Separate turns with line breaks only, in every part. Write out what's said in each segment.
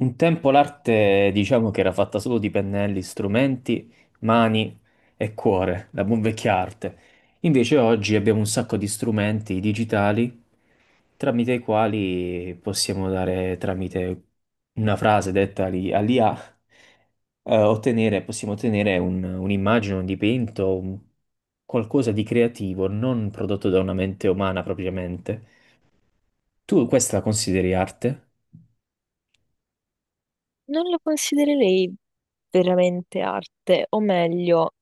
Un tempo l'arte diciamo che era fatta solo di pennelli, strumenti, mani e cuore, la buon vecchia arte. Invece oggi abbiamo un sacco di strumenti digitali tramite i quali possiamo dare, tramite una frase detta all'IA, possiamo ottenere un'immagine, un dipinto, qualcosa di creativo, non prodotto da una mente umana propriamente. Tu questa la consideri arte?
Non lo considererei veramente arte, o meglio,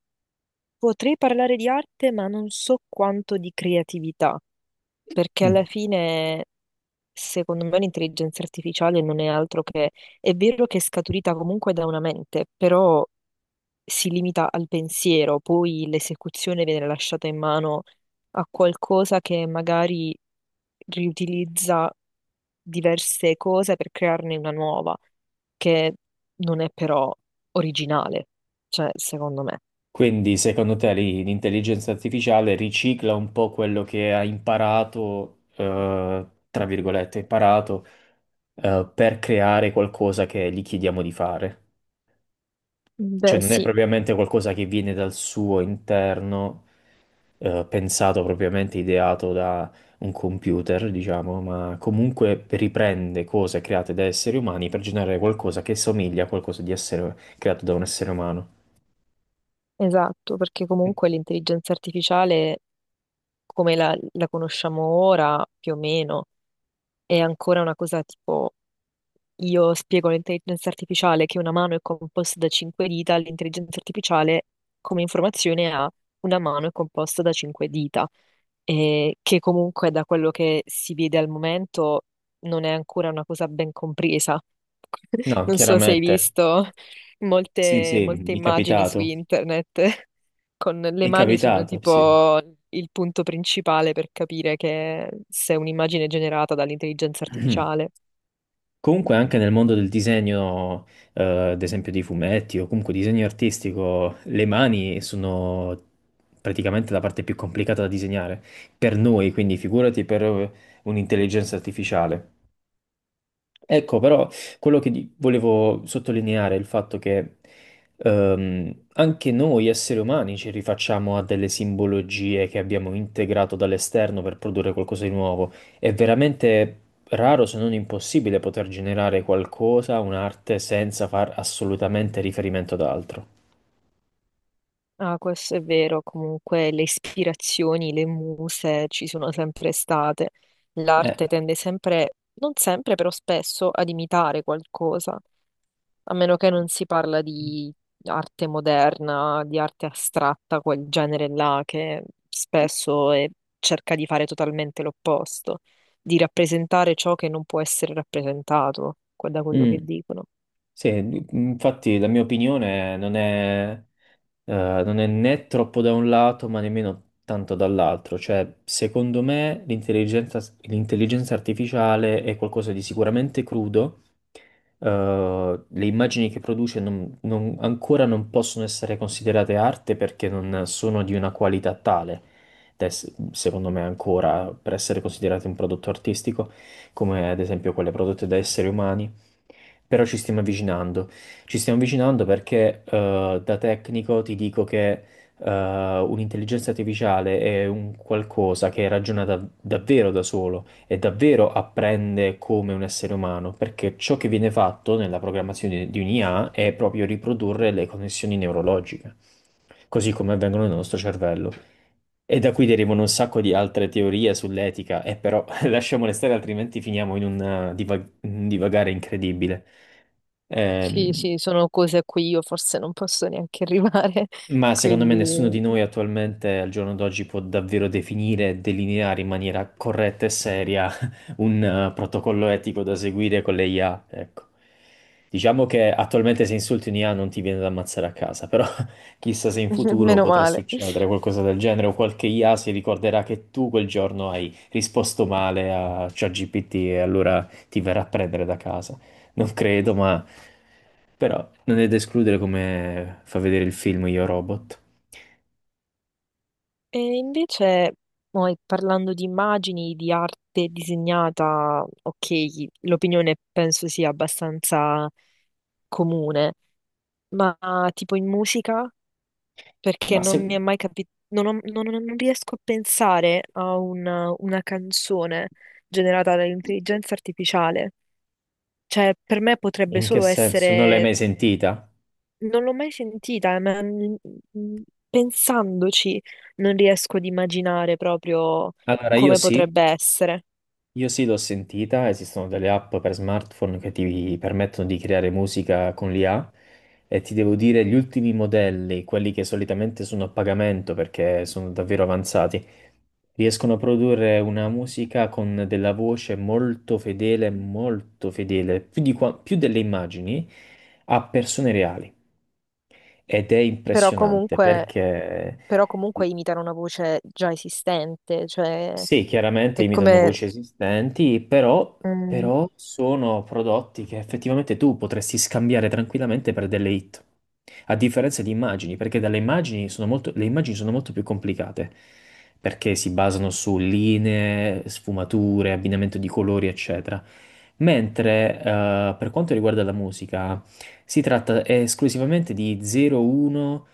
potrei parlare di arte, ma non so quanto di creatività, perché
Mm.
alla fine, secondo me, l'intelligenza artificiale non è altro che, è vero che è scaturita comunque da una mente, però si limita al pensiero, poi l'esecuzione viene lasciata in mano a qualcosa che magari riutilizza diverse cose per crearne una nuova, che non è però originale, cioè, secondo me.
Quindi, secondo te, lì l'intelligenza artificiale ricicla un po' quello che ha imparato, tra virgolette, imparato, per creare qualcosa che gli chiediamo di fare. Cioè,
Beh,
non è
sì,
propriamente qualcosa che viene dal suo interno, pensato propriamente, ideato da un computer, diciamo, ma comunque riprende cose create da esseri umani per generare qualcosa che somiglia a qualcosa di essere creato da un essere umano.
esatto, perché comunque l'intelligenza artificiale, come la conosciamo ora, più o meno, è ancora una cosa tipo. Io spiego all'intelligenza artificiale che una mano è composta da cinque dita, l'intelligenza artificiale come informazione ha una mano è composta da cinque dita, e che comunque da quello che si vede al momento non è ancora una cosa ben compresa.
No,
Non so se hai
chiaramente.
visto
Sì,
molte,
sì,
molte
mi è
immagini su
capitato.
internet con le
Mi è
mani sono
capitato, sì.
tipo il punto principale per capire che se è un'immagine generata dall'intelligenza artificiale.
Comunque anche nel mondo del disegno, eh, ad esempio dei fumetti o comunque disegno artistico, le mani sono praticamente la parte più complicata da disegnare per noi, quindi figurati per un'intelligenza artificiale. Ecco, però quello che volevo sottolineare è il fatto che anche noi esseri umani ci rifacciamo a delle simbologie che abbiamo integrato dall'esterno per produrre qualcosa di nuovo. È veramente raro, se non impossibile, poter generare qualcosa, un'arte, senza far assolutamente riferimento ad altro.
Ah, questo è vero, comunque le ispirazioni, le muse ci sono sempre state.
Eh,
L'arte tende sempre, non sempre, però spesso ad imitare qualcosa, a meno che non si parla di arte moderna, di arte astratta, quel genere là che spesso cerca di fare totalmente l'opposto, di rappresentare ciò che non può essere rappresentato, da quello
mm,
che dicono.
sì, infatti la mia opinione non è né troppo da un lato, ma nemmeno tanto dall'altro. Cioè, secondo me, l'intelligenza artificiale è qualcosa di sicuramente crudo. Le immagini che produce ancora non possono essere considerate arte perché non sono di una qualità tale, secondo me ancora, per essere considerate un prodotto artistico, come ad esempio quelle prodotte da esseri umani. Però ci stiamo avvicinando. Ci stiamo avvicinando perché da tecnico ti dico che un'intelligenza artificiale è un qualcosa che ragiona davvero da solo e davvero apprende come un essere umano, perché ciò che viene fatto nella programmazione di un'IA è proprio riprodurre le connessioni neurologiche, così come avvengono nel nostro cervello. E da qui derivano un sacco di altre teorie sull'etica, e però lasciamole stare, altrimenti finiamo in un divagare incredibile.
Sì,
Ehm,
sì, sono cose a cui io forse non posso neanche arrivare,
Ma secondo me nessuno
quindi...
di noi attualmente al giorno d'oggi può davvero definire e delineare in maniera corretta e seria un protocollo etico da seguire con le IA, ecco. Diciamo che attualmente se insulti un IA non ti viene da ammazzare a casa, però chissà se in futuro
Meno
potrà
male.
succedere qualcosa del genere o qualche IA si ricorderà che tu quel giorno hai risposto male a ChatGPT e allora ti verrà a prendere da casa. Non credo, ma però non è da escludere come fa vedere il film Io Robot.
E invece, poi, parlando di immagini, di arte disegnata, ok, l'opinione penso sia abbastanza comune, ma tipo in musica, perché
Ma
non mi è
se...
mai capito, non, non riesco a pensare a una canzone generata dall'intelligenza artificiale. Cioè, per me potrebbe
In che
solo
senso? Non l'hai
essere.
mai sentita?
Non l'ho mai sentita, ma mm, pensandoci non riesco ad immaginare proprio
Allora, io
come
sì,
potrebbe essere.
Io sì, l'ho sentita, esistono delle app per smartphone che ti permettono di creare musica con l'IA e ti devo dire gli ultimi modelli, quelli che solitamente sono a pagamento perché sono davvero avanzati, riescono a produrre una musica con della voce molto fedele, più delle immagini a persone reali ed è
Però
impressionante
comunque,
perché...
però comunque imitano una voce già esistente, cioè
Sì, chiaramente
è
imitano
come...
voci esistenti, però,
mm,
però sono prodotti che effettivamente tu potresti scambiare tranquillamente per delle hit, a differenza di immagini, perché dalle immagini sono molto, le immagini sono molto più complicate, perché si basano su linee, sfumature, abbinamento di colori, eccetera. Mentre per quanto riguarda la musica, si tratta esclusivamente di 0-1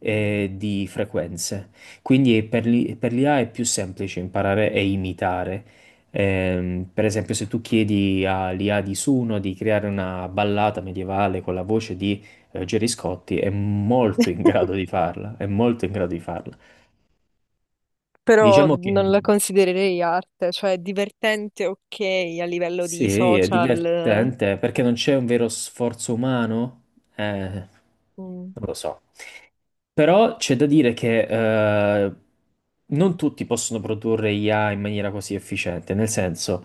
e di frequenze. Quindi è per per l'IA è più semplice imparare e imitare. Per esempio, se tu chiedi all'IA di Suno di creare una ballata medievale con la voce di Gerry Scotti, è molto in grado di farla, è molto in grado di farla.
però
Diciamo che
non la considererei arte, cioè è divertente, ok, a livello di
sì, è
social,
divertente perché non c'è un vero sforzo umano. Eh,
mm,
Non lo so. Però c'è da dire che eh, non tutti possono produrre IA in maniera così efficiente, nel senso,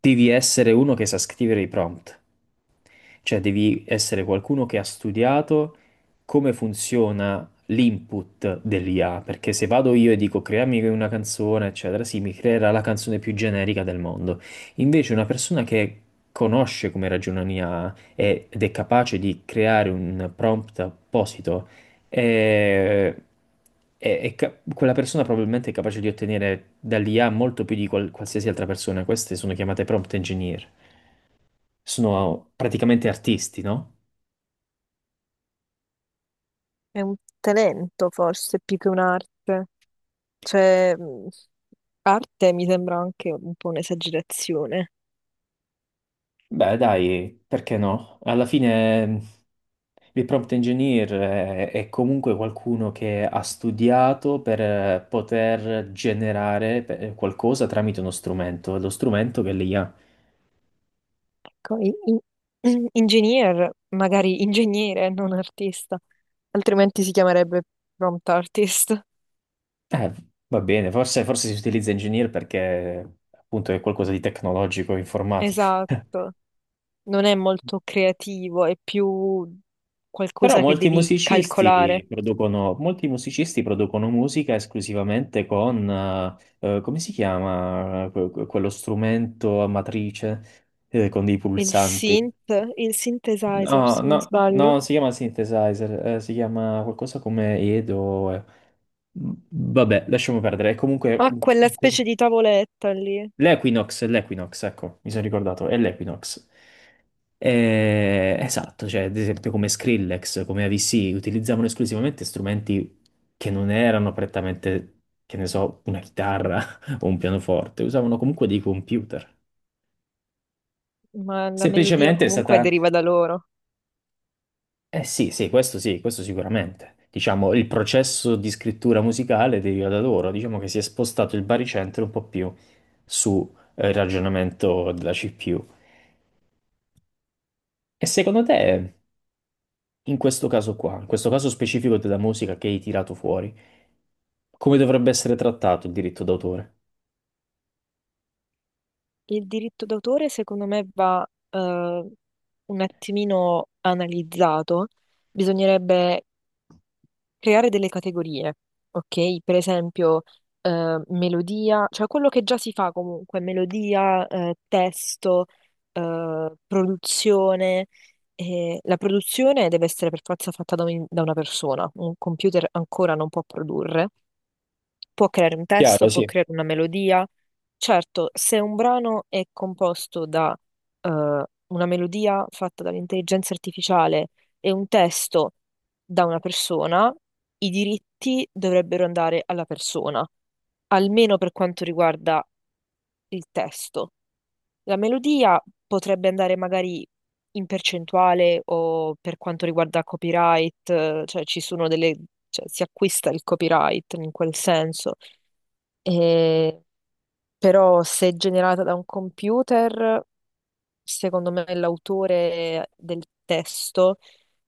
devi essere uno che sa scrivere i prompt. Cioè devi essere qualcuno che ha studiato come funziona l'input dell'IA, perché se vado io e dico creami una canzone, eccetera, sì, mi creerà la canzone più generica del mondo. Invece una persona che conosce come ragiona l'IA ed è capace di creare un prompt apposito, è- quella persona probabilmente è capace di ottenere dall'IA molto più di qualsiasi altra persona. Queste sono chiamate prompt engineer, sono praticamente artisti, no?
è un talento forse più che un'arte. Cioè, arte mi sembra anche un po' un'esagerazione.
Beh, dai, perché no? Alla fine il prompt engineer è comunque qualcuno che ha studiato per poter generare qualcosa tramite uno strumento, è lo strumento che lì ha.
Ecco, Engineer, magari ingegnere, non artista, altrimenti si chiamerebbe prompt artist.
Eh, Va bene, forse, forse si utilizza engineer perché appunto è qualcosa di tecnologico, informatico.
Esatto, non è molto creativo, è più
Però
qualcosa che devi calcolare.
molti musicisti producono musica esclusivamente con, come si chiama, quello strumento a matrice, con dei
Il
pulsanti.
synth, il synthesizer,
No, no,
se non
no,
sbaglio,
non si chiama synthesizer, si chiama qualcosa come Edo. Vabbè, lasciamo perdere. Comunque,
ha quella specie di tavoletta lì,
l'Equinox, ecco, mi sono ricordato, è l'Equinox. Esatto, cioè ad esempio come Skrillex, come AVC, utilizzavano esclusivamente strumenti che non erano prettamente, che ne so, una chitarra o un pianoforte, usavano comunque dei computer.
ma la melodia
Semplicemente è
comunque
stata...
deriva da loro.
Eh sì, sì, questo sicuramente. Diciamo, il processo di scrittura musicale deriva da loro, diciamo che si è spostato il baricentro un po' più sul ragionamento della CPU. E secondo te, in questo caso qua, in questo caso specifico della musica che hai tirato fuori, come dovrebbe essere trattato il diritto d'autore?
Il diritto d'autore, secondo me, va eh, un attimino analizzato. Bisognerebbe creare delle categorie, ok? Per esempio, melodia, cioè quello che già si fa comunque, melodia, testo, produzione. E la produzione deve essere per forza fatta da, da una persona, un computer ancora non può produrre, può creare un
Chiaro,
testo, può
sì.
creare una melodia. Certo, se un brano è composto da eh, una melodia fatta dall'intelligenza artificiale e un testo da una persona, i diritti dovrebbero andare alla persona, almeno per quanto riguarda il testo. La melodia potrebbe andare magari in percentuale o per quanto riguarda copyright, cioè ci sono delle, cioè si acquista il copyright in quel senso. E però se generata da un computer, secondo me l'autore del testo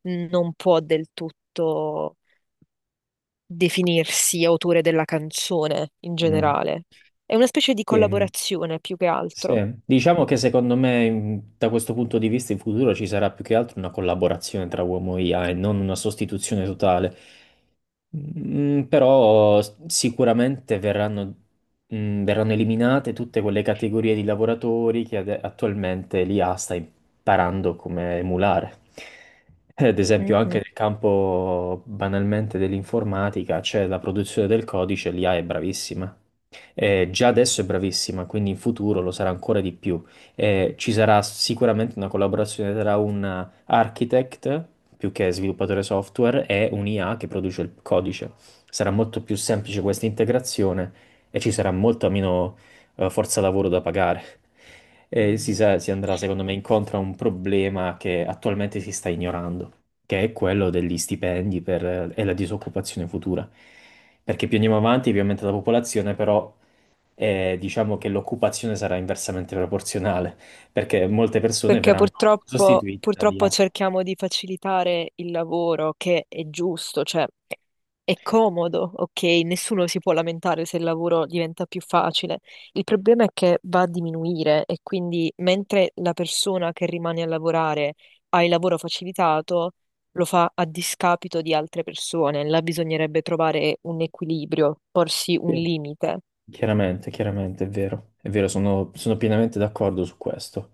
non può del tutto definirsi autore della canzone in
Mm.
generale. È una specie di
Sì. mm.
collaborazione più che
Sì,
altro.
diciamo che secondo me da questo punto di vista in futuro ci sarà più che altro una collaborazione tra uomo e IA e non una sostituzione totale. Però sicuramente verranno eliminate tutte quelle categorie di lavoratori che attualmente l'IA sta imparando come emulare. Ad esempio, anche nel campo banalmente dell'informatica c'è la produzione del codice, l'IA è bravissima. Già adesso è bravissima, quindi in futuro lo sarà ancora di più. Ci sarà sicuramente una collaborazione tra un architect, più che sviluppatore software, e un IA che produce il codice. Sarà molto più semplice questa integrazione e ci sarà molta meno, forza lavoro da pagare. E si andrà, secondo me, incontro a un problema che attualmente si sta ignorando che è quello degli stipendi e la disoccupazione futura. Perché più andiamo avanti, più aumenta la popolazione, però diciamo che l'occupazione sarà inversamente proporzionale, perché molte persone
Perché
verranno
purtroppo,
sostituite da
purtroppo
IA.
cerchiamo di facilitare il lavoro, che è giusto, cioè è comodo, ok? Nessuno si può lamentare se il lavoro diventa più facile. Il problema è che va a diminuire e quindi mentre la persona che rimane a lavorare ha il lavoro facilitato, lo fa a discapito di altre persone. Là bisognerebbe trovare un equilibrio, porsi un
Sì.
limite.
Chiaramente, chiaramente, è vero, sono pienamente d'accordo su questo.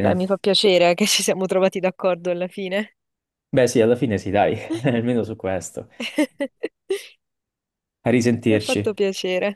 Beh, mi fa piacere che ci siamo trovati d'accordo alla fine.
beh sì, alla fine sì, dai, almeno su questo. A
Mi ha
risentirci.
fatto piacere.